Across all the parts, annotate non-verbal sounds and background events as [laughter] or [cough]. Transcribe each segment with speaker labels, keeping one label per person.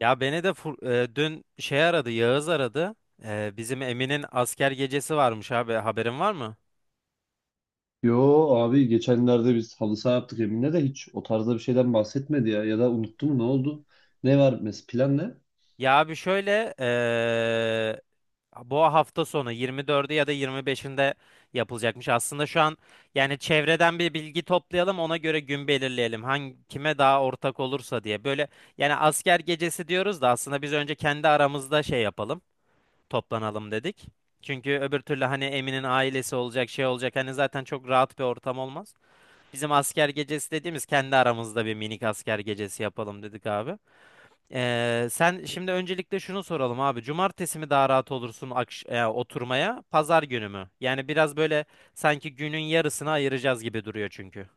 Speaker 1: Ya beni de dün şey aradı, Yağız aradı. Bizim Emin'in asker gecesi varmış abi. Haberin var mı?
Speaker 2: Yo. Abi, geçenlerde biz halı saha yaptık, Emin'e de hiç o tarzda bir şeyden bahsetmedi ya. Ya da unuttu mu, ne oldu? Ne var, plan ne?
Speaker 1: Ya abi şöyle bu hafta sonu 24'ü ya da 25'inde yapılacakmış. Aslında şu an yani çevreden bir bilgi toplayalım, ona göre gün belirleyelim. Hangi kime daha ortak olursa diye. Böyle yani asker gecesi diyoruz da aslında biz önce kendi aramızda şey yapalım, toplanalım dedik. Çünkü öbür türlü hani Emin'in ailesi olacak, şey olacak. Hani zaten çok rahat bir ortam olmaz. Bizim asker gecesi dediğimiz kendi aramızda bir minik asker gecesi yapalım dedik abi. Sen şimdi öncelikle şunu soralım abi. Cumartesi mi daha rahat olursun oturmaya, pazar günü mü? Yani biraz böyle sanki günün yarısını ayıracağız gibi duruyor çünkü.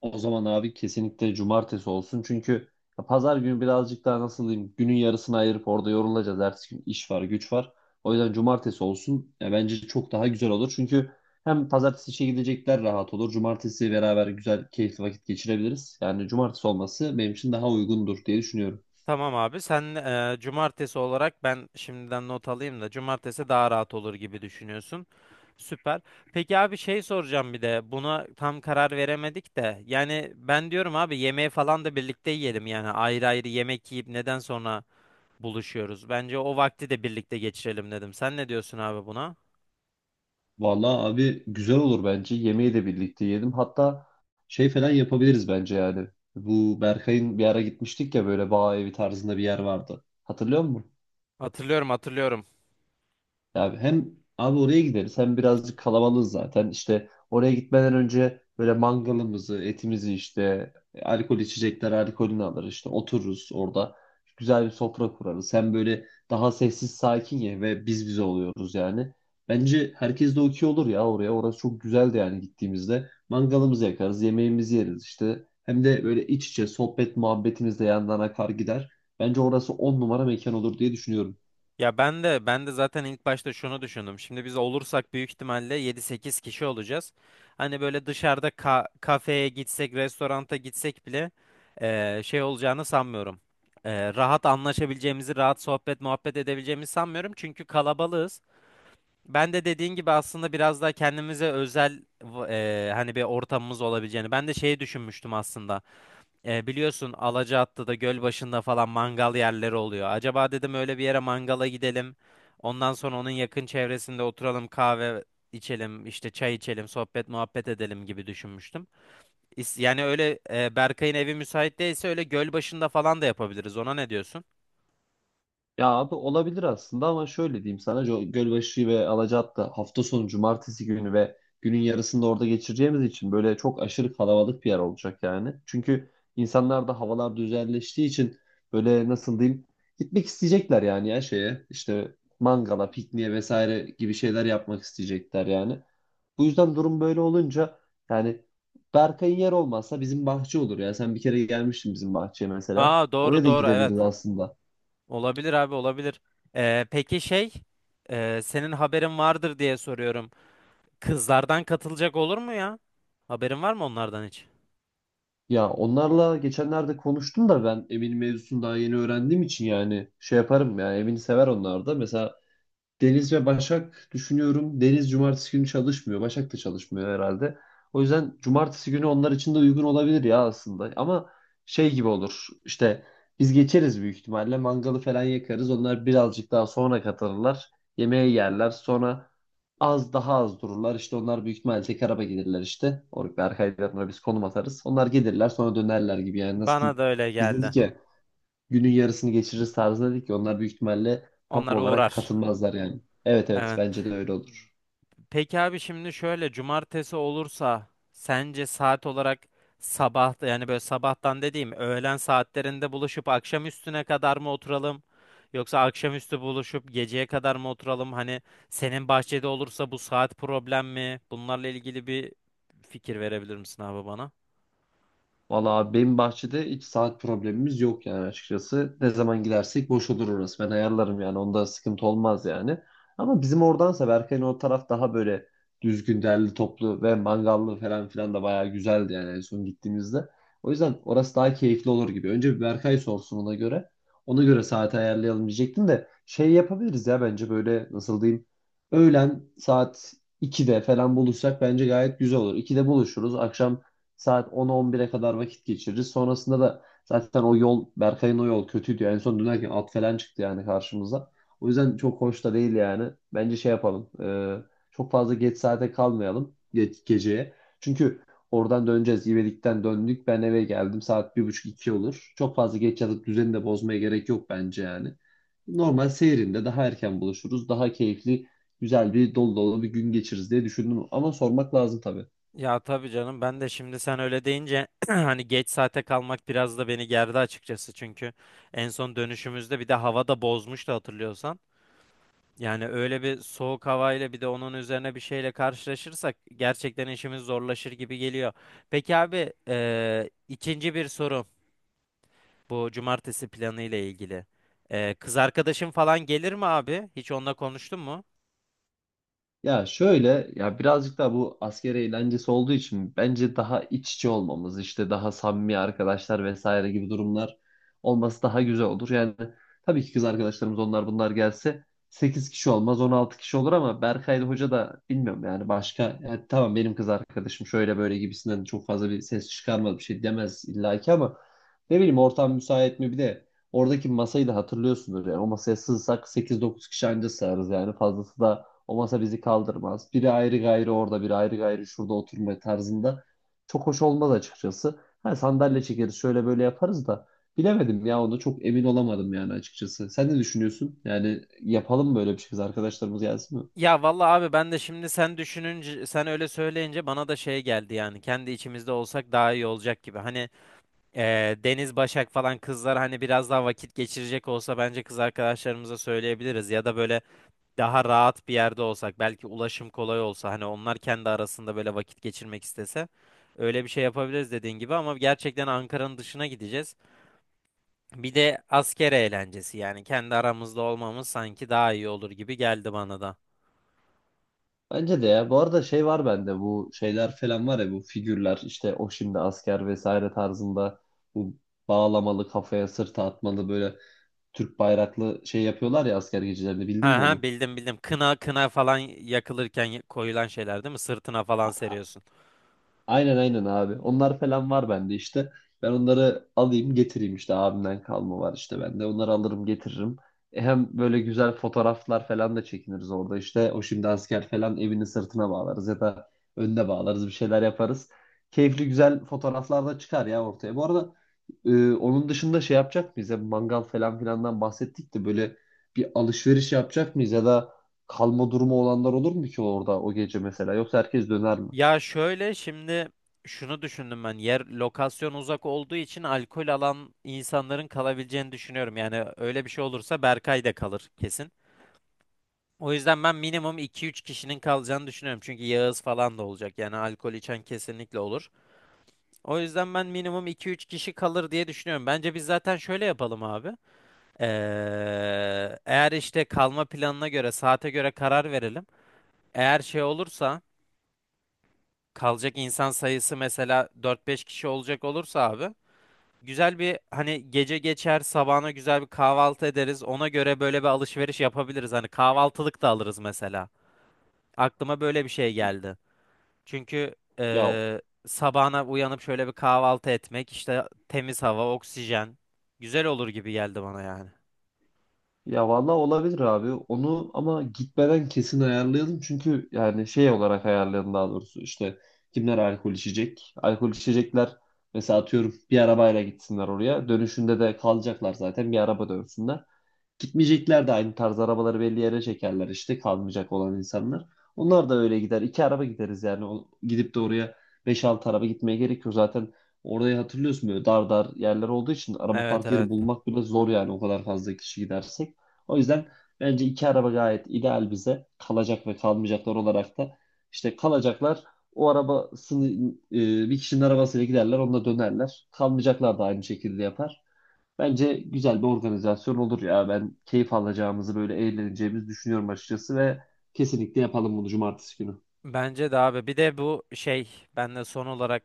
Speaker 2: O zaman abi kesinlikle cumartesi olsun. Çünkü ya pazar günü birazcık daha nasıl diyeyim, günün yarısını ayırıp orada yorulacağız. Ertesi gün iş var, güç var. O yüzden cumartesi olsun. Ya bence çok daha güzel olur. Çünkü hem pazartesi işe gidecekler rahat olur. Cumartesi beraber güzel, keyifli vakit geçirebiliriz. Yani cumartesi olması benim için daha uygundur diye düşünüyorum.
Speaker 1: Tamam abi, sen cumartesi olarak ben şimdiden not alayım da cumartesi daha rahat olur gibi düşünüyorsun. Süper. Peki abi şey soracağım, bir de buna tam karar veremedik de yani ben diyorum abi yemeği falan da birlikte yiyelim, yani ayrı ayrı yemek yiyip neden sonra buluşuyoruz? Bence o vakti de birlikte geçirelim dedim. Sen ne diyorsun abi buna?
Speaker 2: Vallahi abi, güzel olur bence. Yemeği de birlikte yiyelim. Hatta şey falan yapabiliriz bence yani. Bu Berkay'ın bir ara gitmiştik ya, böyle bağ evi tarzında bir yer vardı. Hatırlıyor musun?
Speaker 1: Hatırlıyorum, hatırlıyorum.
Speaker 2: Abi hem abi oraya gideriz, hem birazcık kalabalığız zaten. İşte oraya gitmeden önce böyle mangalımızı, etimizi işte alkol içecekler alkolünü alır, işte otururuz orada. Güzel bir sofra kurarız. Hem böyle daha sessiz sakin ye ve biz bize oluyoruz yani. Bence herkes de okey olur ya oraya. Orası çok güzeldi yani gittiğimizde. Mangalımızı yakarız, yemeğimizi yeriz işte. Hem de böyle iç içe sohbet muhabbetimiz de yandan akar gider. Bence orası on numara mekan olur diye düşünüyorum.
Speaker 1: Ya ben de ben de zaten ilk başta şunu düşündüm. Şimdi biz olursak büyük ihtimalle yedi sekiz kişi olacağız. Hani böyle dışarıda kafeye gitsek, restoranta gitsek bile şey olacağını sanmıyorum. Rahat anlaşabileceğimizi, rahat sohbet muhabbet edebileceğimizi sanmıyorum. Çünkü kalabalığız. Ben de dediğin gibi aslında biraz daha kendimize özel hani bir ortamımız olabileceğini. Ben de şeyi düşünmüştüm aslında. Biliyorsun Alacaatlı'da göl başında falan mangal yerleri oluyor. Acaba dedim öyle bir yere mangala gidelim. Ondan sonra onun yakın çevresinde oturalım, kahve içelim, işte çay içelim, sohbet muhabbet edelim gibi düşünmüştüm. Yani öyle Berkay'ın evi müsait değilse öyle göl başında falan da yapabiliriz. Ona ne diyorsun?
Speaker 2: Ya abi olabilir aslında ama şöyle diyeyim sana, Gölbaşı ve Alacaat'ta hafta sonu cumartesi günü ve günün yarısında orada geçireceğimiz için böyle çok aşırı kalabalık bir yer olacak yani. Çünkü insanlar da havalar düzenleştiği için böyle nasıl diyeyim, gitmek isteyecekler yani, ya şeye işte mangala, pikniğe vesaire gibi şeyler yapmak isteyecekler yani. Bu yüzden durum böyle olunca yani, Berkay'ın yer olmazsa bizim bahçe olur ya. Sen bir kere gelmiştin bizim bahçeye mesela.
Speaker 1: Aa, doğru
Speaker 2: Oraya da
Speaker 1: doğru, evet.
Speaker 2: gidebiliriz aslında.
Speaker 1: Olabilir abi, olabilir. Peki şey, senin haberin vardır diye soruyorum. Kızlardan katılacak olur mu ya? Haberin var mı onlardan hiç?
Speaker 2: Ya onlarla geçenlerde konuştum da ben Emin mevzusunu daha yeni öğrendiğim için yani, şey yaparım ya, Emin'i sever onlar da. Mesela Deniz ve Başak düşünüyorum. Deniz cumartesi günü çalışmıyor. Başak da çalışmıyor herhalde. O yüzden cumartesi günü onlar için de uygun olabilir ya aslında. Ama şey gibi olur. İşte biz geçeriz büyük ihtimalle. Mangalı falan yakarız. Onlar birazcık daha sonra katılırlar. Yemeği yerler. Sonra az daha az dururlar. İşte onlar büyük ihtimalle tek araba gelirler işte. Ve arkalarına biz konum atarız. Onlar gelirler, sonra dönerler gibi yani, nasıl
Speaker 1: Bana
Speaker 2: diyeyim.
Speaker 1: da öyle
Speaker 2: Biz
Speaker 1: geldi.
Speaker 2: dedik ya, günün yarısını geçiririz tarzında, dedik ki onlar büyük ihtimalle tam
Speaker 1: Onlar
Speaker 2: olarak
Speaker 1: uğrar.
Speaker 2: katılmazlar yani. Evet, evet,
Speaker 1: Evet.
Speaker 2: bence de öyle olur.
Speaker 1: Peki abi şimdi şöyle, cumartesi olursa sence saat olarak sabah, yani böyle sabahtan dediğim öğlen saatlerinde buluşup akşam üstüne kadar mı oturalım? Yoksa akşamüstü buluşup geceye kadar mı oturalım? Hani senin bahçede olursa bu saat problem mi? Bunlarla ilgili bir fikir verebilir misin abi bana?
Speaker 2: Valla abi, benim bahçede hiç saat problemimiz yok yani açıkçası. Ne zaman gidersek boş olur orası. Ben ayarlarım yani, onda sıkıntı olmaz yani. Ama bizim oradansa Berkay'ın o taraf daha böyle düzgün, derli toplu ve mangallı falan filan da bayağı güzeldi yani en son gittiğimizde. O yüzden orası daha keyifli olur gibi. Önce bir Berkay sorsun, ona göre. Ona göre saati ayarlayalım diyecektim de şey yapabiliriz ya bence, böyle nasıl diyeyim. Öğlen saat 2'de falan buluşsak bence gayet güzel olur. 2'de buluşuruz. Akşam saat 10-11'e kadar vakit geçiririz. Sonrasında da zaten o yol, Berkay'ın o yol kötüydü. En son dönerken at falan çıktı yani karşımıza. O yüzden çok hoş da değil yani. Bence şey yapalım. Çok fazla geç saate kalmayalım. Geceye. Çünkü oradan döneceğiz. İvedik'ten döndük. Ben eve geldim. Saat bir buçuk iki olur. Çok fazla geç yatıp düzeni de bozmaya gerek yok bence yani. Normal seyrinde daha erken buluşuruz. Daha keyifli, güzel, bir dolu dolu bir gün geçiririz diye düşündüm. Ama sormak lazım tabii.
Speaker 1: Ya tabii canım, ben de şimdi sen öyle deyince [clears throat] hani geç saate kalmak biraz da beni gerdi açıkçası, çünkü en son dönüşümüzde bir de hava da bozmuştu, hatırlıyorsan. Yani öyle bir soğuk havayla bir de onun üzerine bir şeyle karşılaşırsak gerçekten işimiz zorlaşır gibi geliyor. Peki abi ikinci bir soru, bu cumartesi planı ile ilgili. Kız arkadaşın falan gelir mi abi? Hiç onunla konuştun mu?
Speaker 2: Ya şöyle, ya birazcık da bu asker eğlencesi olduğu için bence daha iç içe olmamız, işte daha samimi arkadaşlar vesaire gibi durumlar olması daha güzel olur. Yani tabii ki kız arkadaşlarımız onlar bunlar gelse 8 kişi olmaz, 16 kişi olur, ama Berkay ile Hoca da bilmiyorum yani, başka yani, tamam benim kız arkadaşım şöyle böyle gibisinden çok fazla bir ses çıkarmaz, bir şey demez illaki ama ne bileyim, ortam müsait mi bir de? Oradaki masayı da hatırlıyorsunuz yani, o masaya sığsak 8-9 kişi anca sığarız yani, fazlası da o masa bizi kaldırmaz. Biri ayrı gayrı orada, biri ayrı gayrı şurada oturma tarzında. Çok hoş olmaz açıkçası. Ha, sandalye çekeriz, şöyle böyle yaparız da. Bilemedim ya, onu çok emin olamadım yani açıkçası. Sen ne düşünüyorsun? Yani yapalım mı böyle bir şey? Kız arkadaşlarımız gelsin mi?
Speaker 1: Ya vallahi abi, ben de şimdi sen düşününce, sen öyle söyleyince bana da şey geldi, yani kendi içimizde olsak daha iyi olacak gibi. Hani Deniz, Başak falan kızlar hani biraz daha vakit geçirecek olsa bence kız arkadaşlarımıza söyleyebiliriz, ya da böyle daha rahat bir yerde olsak, belki ulaşım kolay olsa, hani onlar kendi arasında böyle vakit geçirmek istese öyle bir şey yapabiliriz dediğin gibi, ama gerçekten Ankara'nın dışına gideceğiz. Bir de asker eğlencesi, yani kendi aramızda olmamız sanki daha iyi olur gibi geldi bana da.
Speaker 2: Bence de ya. Bu arada şey var bende, bu şeyler falan var ya, bu figürler, işte o şimdi asker vesaire tarzında, bu bağlamalı, kafaya sırta atmalı, böyle Türk bayraklı şey yapıyorlar ya asker gecelerinde,
Speaker 1: Ha
Speaker 2: bildin mi
Speaker 1: ha,
Speaker 2: onu?
Speaker 1: bildim, bildim. Kına kına falan yakılırken koyulan şeyler değil mi? Sırtına falan seriyorsun.
Speaker 2: Aynen aynen abi. Onlar falan var bende işte. Ben onları alayım, getireyim işte, abimden kalma var işte bende. Onları alırım, getiririm. E hem böyle güzel fotoğraflar falan da çekiniriz orada işte. O şimdi asker falan evinin sırtına bağlarız ya da önüne bağlarız, bir şeyler yaparız. Keyifli, güzel fotoğraflar da çıkar ya ortaya. Bu arada onun dışında şey yapacak mıyız? Ya, mangal falan filandan bahsettik de böyle bir alışveriş yapacak mıyız? Ya da kalma durumu olanlar olur mu ki orada o gece mesela? Yoksa herkes döner mi?
Speaker 1: Ya şöyle şimdi, şunu düşündüm ben. Yer, lokasyon uzak olduğu için alkol alan insanların kalabileceğini düşünüyorum. Yani öyle bir şey olursa Berkay da kalır kesin. O yüzden ben minimum iki üç kişinin kalacağını düşünüyorum. Çünkü Yağız falan da olacak. Yani alkol içen kesinlikle olur. O yüzden ben minimum iki üç kişi kalır diye düşünüyorum. Bence biz zaten şöyle yapalım abi. Eğer işte kalma planına göre, saate göre karar verelim. Eğer şey olursa, kalacak insan sayısı mesela dört beş kişi olacak olursa abi, güzel bir hani gece geçer, sabahına güzel bir kahvaltı ederiz. Ona göre böyle bir alışveriş yapabiliriz. Hani kahvaltılık da alırız mesela. Aklıma böyle bir şey geldi. Çünkü
Speaker 2: Ya
Speaker 1: sabahına uyanıp şöyle bir kahvaltı etmek, işte temiz hava, oksijen, güzel olur gibi geldi bana yani.
Speaker 2: Ya vallahi olabilir abi. Onu ama gitmeden kesin ayarlayalım. Çünkü yani şey olarak ayarlayalım daha doğrusu. İşte kimler alkol içecek? Alkol içecekler mesela atıyorum bir arabayla gitsinler oraya. Dönüşünde de kalacaklar zaten bir araba dönsünler. Gitmeyecekler de aynı tarz arabaları belli yere çekerler, işte kalmayacak olan insanlar. Onlar da öyle gider. İki araba gideriz yani. Gidip de oraya 5-6 araba gitmeye gerekiyor yok. Zaten orayı hatırlıyorsun, böyle dar dar yerler olduğu için araba
Speaker 1: Evet,
Speaker 2: park yeri
Speaker 1: evet.
Speaker 2: bulmak bile zor yani, o kadar fazla kişi gidersek. O yüzden bence iki araba gayet ideal bize. Kalacak ve kalmayacaklar olarak da, işte kalacaklar o arabasını, bir kişinin arabasıyla giderler, onunla dönerler. Kalmayacaklar da aynı şekilde yapar. Bence güzel bir organizasyon olur ya. Ben keyif alacağımızı, böyle eğleneceğimizi düşünüyorum açıkçası ve kesinlikle yapalım bunu cumartesi günü.
Speaker 1: Bence de abi. Bir de bu şey, ben de son olarak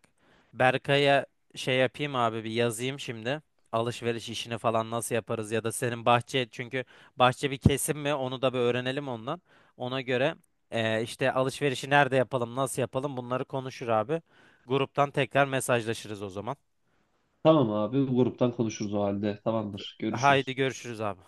Speaker 1: Berkay'a şey yapayım abi, bir yazayım şimdi. Alışveriş işini falan nasıl yaparız, ya da senin bahçe, çünkü bahçe bir kesim mi, onu da bir öğrenelim ondan. Ona göre işte alışverişi nerede yapalım, nasıl yapalım, bunları konuşur abi. Gruptan tekrar mesajlaşırız o zaman.
Speaker 2: Tamam abi, bu gruptan konuşuruz o halde. Tamamdır.
Speaker 1: Haydi
Speaker 2: Görüşürüz.
Speaker 1: görüşürüz abi.